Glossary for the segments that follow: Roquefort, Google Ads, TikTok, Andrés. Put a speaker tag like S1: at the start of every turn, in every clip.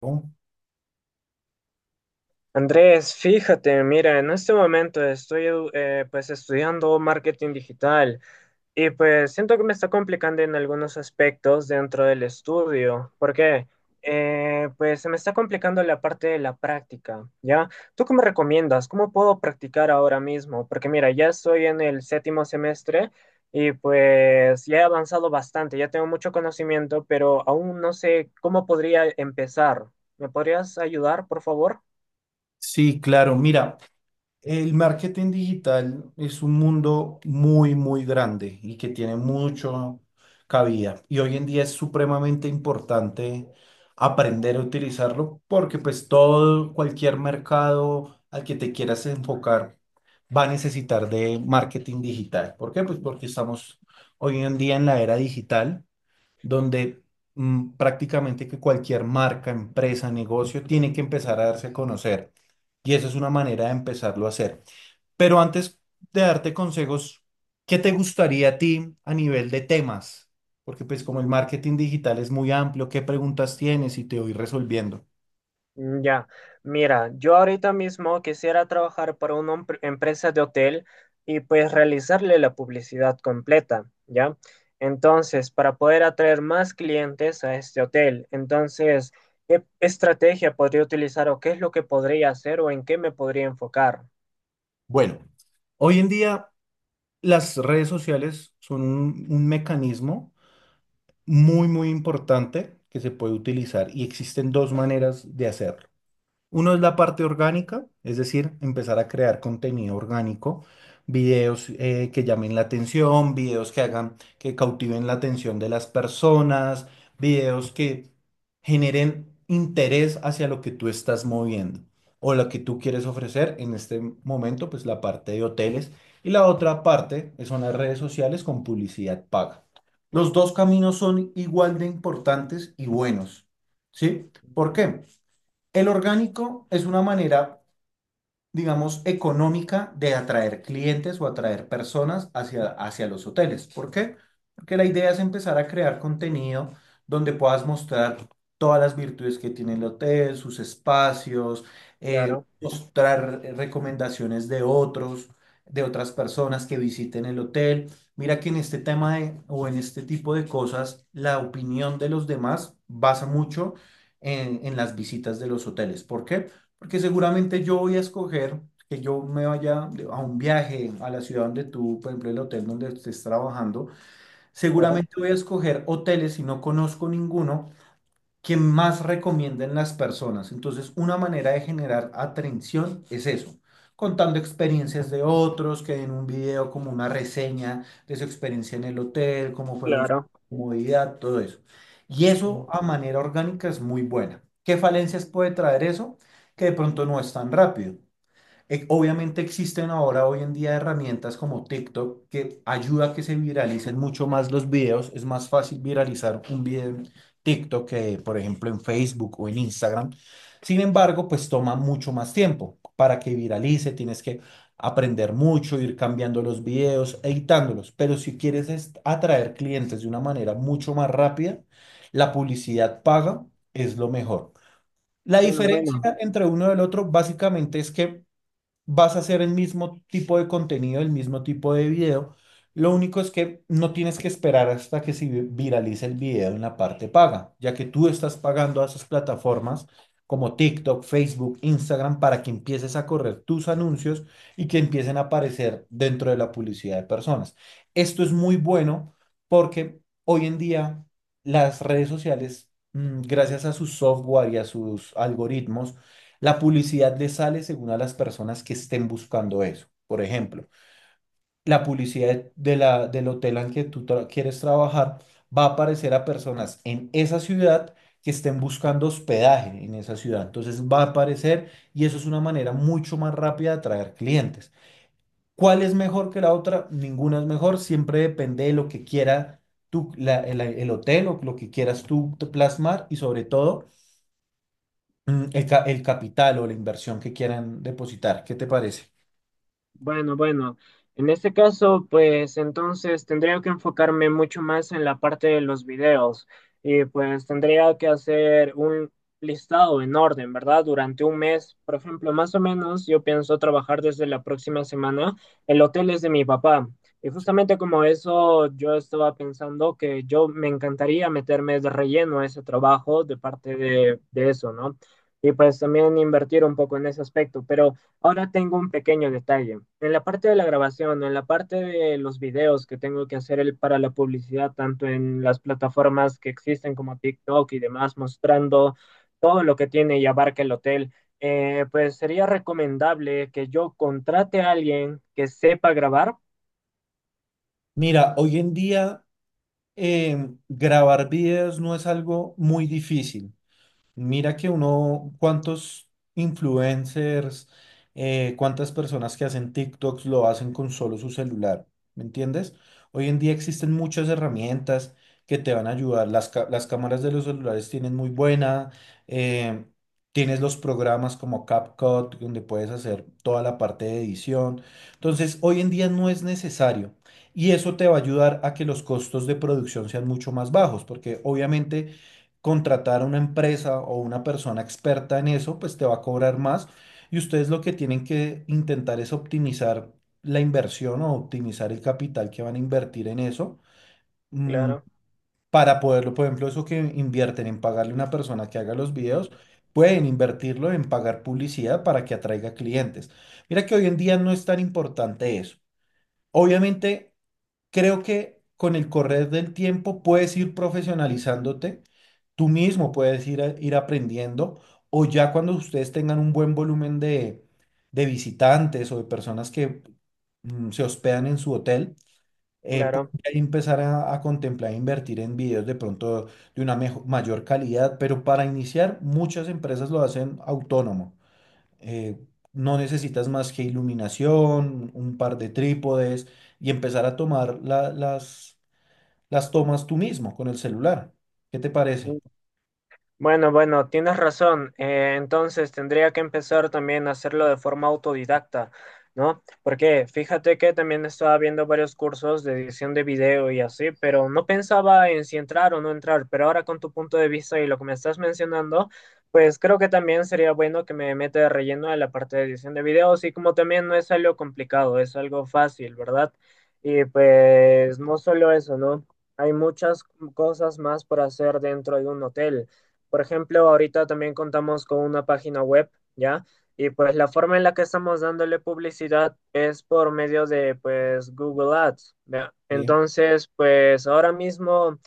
S1: ¿No?
S2: Andrés, fíjate, mira, en este momento pues estudiando marketing digital y pues siento que me está complicando en algunos aspectos dentro del estudio. ¿Por qué? Pues se me está complicando la parte de la práctica, ¿ya? ¿Tú qué me recomiendas? ¿Cómo puedo practicar ahora mismo? Porque mira, ya estoy en el séptimo semestre y pues ya he avanzado bastante, ya tengo mucho conocimiento, pero aún no sé cómo podría empezar. ¿Me podrías ayudar, por favor?
S1: Sí, claro. Mira, el marketing digital es un mundo muy, muy grande y que tiene mucho cabida. Y hoy en día es supremamente importante aprender a utilizarlo porque pues todo, cualquier mercado al que te quieras enfocar va a necesitar de marketing digital. ¿Por qué? Pues porque estamos hoy en día en la era digital donde prácticamente que cualquier marca, empresa, negocio tiene que empezar a darse a conocer. Y esa es una manera de empezarlo a hacer. Pero antes de darte consejos, ¿qué te gustaría a ti a nivel de temas? Porque pues como el marketing digital es muy amplio, ¿qué preguntas tienes? Y te voy resolviendo.
S2: Mm, ya, mira, yo ahorita mismo quisiera trabajar para una empresa de hotel y pues realizarle la publicidad completa, ¿ya? Entonces, para poder atraer más clientes a este hotel, entonces, ¿qué estrategia podría utilizar o qué es lo que podría hacer o en qué me podría enfocar?
S1: Bueno, hoy en día las redes sociales son un mecanismo muy, muy importante que se puede utilizar y existen dos maneras de hacerlo. Uno es la parte orgánica, es decir, empezar a crear contenido orgánico, videos que llamen la atención, videos que hagan, que cautiven la atención de las personas, videos que generen interés hacia lo que tú estás moviendo o lo que tú quieres ofrecer. En este momento, pues la parte de hoteles y la otra parte son las redes sociales con publicidad paga. Los dos caminos son igual de importantes y buenos, ¿sí? ¿Por qué? El orgánico es una manera digamos, económica de atraer clientes o atraer personas hacia, hacia los hoteles. ¿Por qué? Porque la idea es empezar a crear contenido donde puedas mostrar todas las virtudes que tiene el hotel, sus espacios,
S2: Claro,
S1: mostrar recomendaciones de otros, de otras personas que visiten el hotel. Mira que en este tema de, o en este tipo de cosas, la opinión de los demás basa mucho en las visitas de los hoteles. ¿Por qué? Porque seguramente yo voy a escoger que yo me vaya a un viaje a la ciudad donde tú, por ejemplo, el hotel donde estés trabajando.
S2: claro,
S1: Seguramente voy a escoger hoteles si no conozco ninguno que más recomienden las personas. Entonces, una manera de generar atención es eso, contando experiencias de otros, que en un video como una reseña de su experiencia en el hotel, cómo fueron su
S2: claro.
S1: comodidad, todo eso. Y eso
S2: Mm,
S1: a manera orgánica es muy buena. ¿Qué falencias puede traer eso? Que de pronto no es tan rápido. Obviamente existen ahora hoy en día herramientas como TikTok que ayuda a que se viralicen mucho más los videos. Es más fácil viralizar un video en TikTok que, por ejemplo, en Facebook o en Instagram. Sin embargo, pues toma mucho más tiempo para que viralice. Tienes que aprender mucho, ir cambiando los videos, editándolos. Pero si quieres atraer clientes de una manera mucho más rápida, la publicidad paga es lo mejor. La
S2: Bueno,
S1: diferencia
S2: bueno.
S1: entre uno y el otro básicamente es que vas a hacer el mismo tipo de contenido, el mismo tipo de video. Lo único es que no tienes que esperar hasta que se viralice el video en la parte paga, ya que tú estás pagando a esas plataformas como TikTok, Facebook, Instagram, para que empieces a correr tus anuncios y que empiecen a aparecer dentro de la publicidad de personas. Esto es muy bueno porque hoy en día las redes sociales, gracias a su software y a sus algoritmos, la publicidad le sale según a las personas que estén buscando eso. Por ejemplo, la publicidad de la, del hotel en que quieres trabajar va a aparecer a personas en esa ciudad que estén buscando hospedaje en esa ciudad. Entonces va a aparecer y eso es una manera mucho más rápida de atraer clientes. ¿Cuál es mejor que la otra? Ninguna es mejor. Siempre depende de lo que quiera tú, el hotel o lo que quieras tú plasmar y sobre todo el capital o la inversión que quieran depositar. ¿Qué te parece?
S2: Bueno, bueno, en este caso, pues entonces tendría que enfocarme mucho más en la parte de los videos y pues tendría que hacer un listado en orden, ¿verdad? Durante un mes, por ejemplo, más o menos, yo pienso trabajar desde la próxima semana. El hotel es de mi papá y justamente como eso, yo estaba pensando que yo me encantaría meterme de relleno a ese trabajo de parte de eso, ¿no? Y pues también invertir un poco en ese aspecto, pero... Ahora tengo un pequeño detalle. En la parte de la grabación, en la parte de los videos que tengo que hacer para la publicidad, tanto en las plataformas que existen como TikTok y demás, mostrando todo lo que tiene y abarca el hotel, pues sería recomendable que yo contrate a alguien que sepa grabar.
S1: Mira, hoy en día grabar videos no es algo muy difícil. Mira que uno, cuántos influencers, cuántas personas que hacen TikToks lo hacen con solo su celular, ¿me entiendes? Hoy en día existen muchas herramientas que te van a ayudar. Las cámaras de los celulares tienen muy buena, eh, tienes los programas como CapCut, donde puedes hacer toda la parte de edición. Entonces, hoy en día no es necesario. Y eso te va a ayudar a que los costos de producción sean mucho más bajos, porque obviamente contratar a una empresa o una persona experta en eso, pues te va a cobrar más. Y ustedes lo que tienen que intentar es optimizar la inversión o optimizar el capital que van a invertir en eso. mm,
S2: Claro,
S1: para poderlo, por ejemplo, eso que invierten en pagarle a una persona que haga los videos,
S2: mm,
S1: pueden invertirlo en pagar publicidad para que atraiga clientes. Mira que hoy en día no es tan importante eso. Obviamente creo que con el correr del tiempo puedes ir profesionalizándote, tú mismo puedes ir, ir aprendiendo, o ya cuando ustedes tengan un buen volumen de visitantes o de personas que se hospedan en su hotel, pueden
S2: claro.
S1: ya empezar a contemplar e invertir en videos de pronto de una mayor calidad, pero para iniciar muchas empresas lo hacen autónomo eh, no necesitas más que iluminación, un par de trípodes y empezar a tomar las tomas tú mismo con el celular. ¿Qué te parece?
S2: Bueno, bueno, tienes razón. Entonces tendría que empezar también a hacerlo de forma autodidacta, ¿no? Porque fíjate que también estaba viendo varios cursos de edición de video y así, pero no pensaba en si entrar o no entrar. Pero ahora con tu punto de vista y lo que me estás mencionando, pues creo que también sería bueno que me meta de relleno en la parte de edición de videos y como también no es algo complicado, es algo fácil, ¿verdad? Y pues no solo eso, ¿no? Hay muchas cosas más por hacer dentro de un hotel. Por ejemplo, ahorita también contamos con una página web, ¿ya? Y pues la forma en la que estamos dándole publicidad es por medio de pues Google Ads, ¿ya?
S1: Sí.
S2: Entonces, pues ahora mismo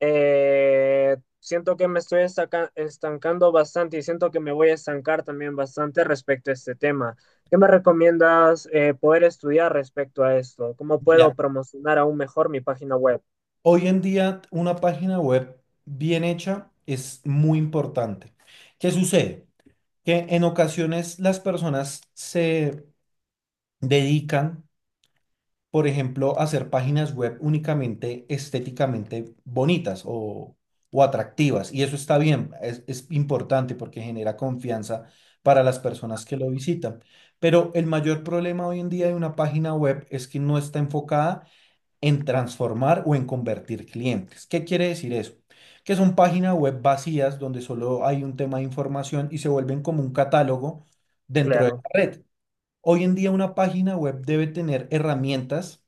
S2: siento que me estoy estancando bastante y siento que me voy a estancar también bastante respecto a este tema. ¿Qué me recomiendas poder estudiar respecto a esto? ¿Cómo puedo
S1: Mira,
S2: promocionar aún mejor mi página web?
S1: hoy en día una página web bien hecha es muy importante. ¿Qué sucede? Que en ocasiones las personas se dedican por ejemplo, hacer páginas web únicamente estéticamente bonitas o atractivas. Y eso está bien, es importante porque genera confianza para las personas que lo visitan. Pero el mayor problema hoy en día de una página web es que no está enfocada en transformar o en convertir clientes. ¿Qué quiere decir eso? Que son páginas web vacías donde solo hay un tema de información y se vuelven como un catálogo dentro de
S2: Claro,
S1: la red. Hoy en día una página web debe tener herramientas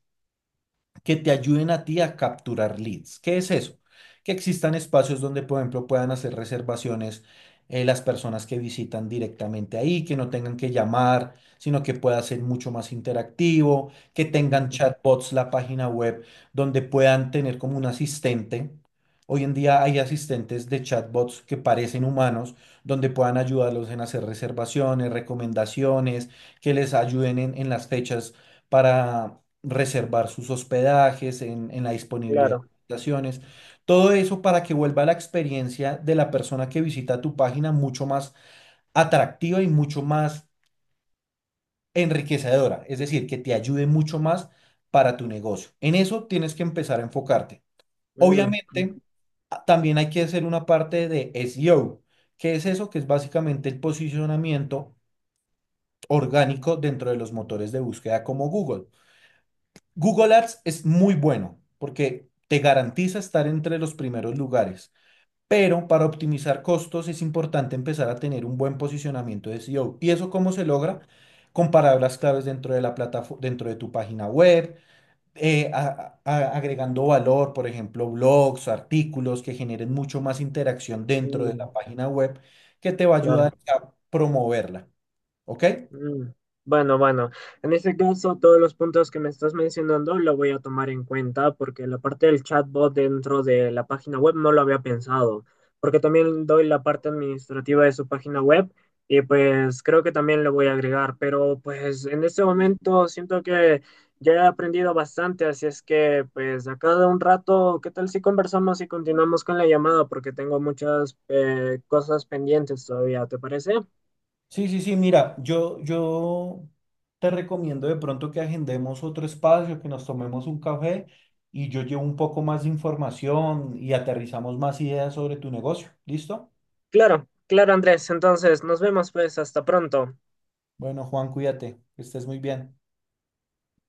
S1: que te ayuden a ti a capturar leads. ¿Qué es eso? Que existan espacios donde, por ejemplo, puedan hacer reservaciones las personas que visitan directamente ahí, que no tengan que llamar, sino que pueda ser mucho más interactivo, que tengan
S2: mm,
S1: chatbots la página web donde puedan tener como un asistente. Hoy en día hay asistentes de chatbots que parecen humanos, donde puedan ayudarlos en hacer reservaciones, recomendaciones, que les ayuden en las fechas para reservar sus hospedajes, en la disponibilidad de
S2: claro.
S1: habitaciones, todo eso para que vuelva la experiencia de la persona que visita tu página mucho más atractiva y mucho más enriquecedora, es decir, que te ayude mucho más para tu negocio. En eso tienes que empezar a enfocarte.
S2: Mm,
S1: Obviamente,
S2: mm.
S1: también hay que hacer una parte de SEO. Que es eso? Que es básicamente el posicionamiento orgánico dentro de los motores de búsqueda como Google. Google Ads es muy bueno porque te garantiza estar entre los primeros lugares, pero para optimizar costos es importante empezar a tener un buen posicionamiento de SEO. ¿Y eso cómo se logra? Con palabras claves dentro de la plataforma, dentro de tu página web, agregando valor, por ejemplo, blogs, artículos que generen mucho más interacción dentro de
S2: Mm.
S1: la página web que te va a
S2: Claro.
S1: ayudar a promoverla. ¿Ok?
S2: Mm. Bueno, bueno, en ese caso todos los puntos que me estás mencionando lo voy a tomar en cuenta porque la parte del chatbot dentro de la página web no lo había pensado, porque también doy la parte administrativa de su página web y pues creo que también lo voy a agregar, pero pues en este momento siento que ya he aprendido bastante, así es que pues a cada un rato, ¿qué tal si conversamos y continuamos con la llamada? Porque tengo muchas cosas pendientes todavía, ¿te parece?
S1: Sí, sí, sí, mira, yo te recomiendo de pronto que agendemos otro espacio, que nos tomemos un café y yo llevo un poco más de información y aterrizamos más ideas sobre tu negocio. ¿Listo?
S2: Claro, claro, Andrés. Entonces, nos vemos pues hasta pronto.
S1: Bueno, Juan, cuídate, que estés muy bien.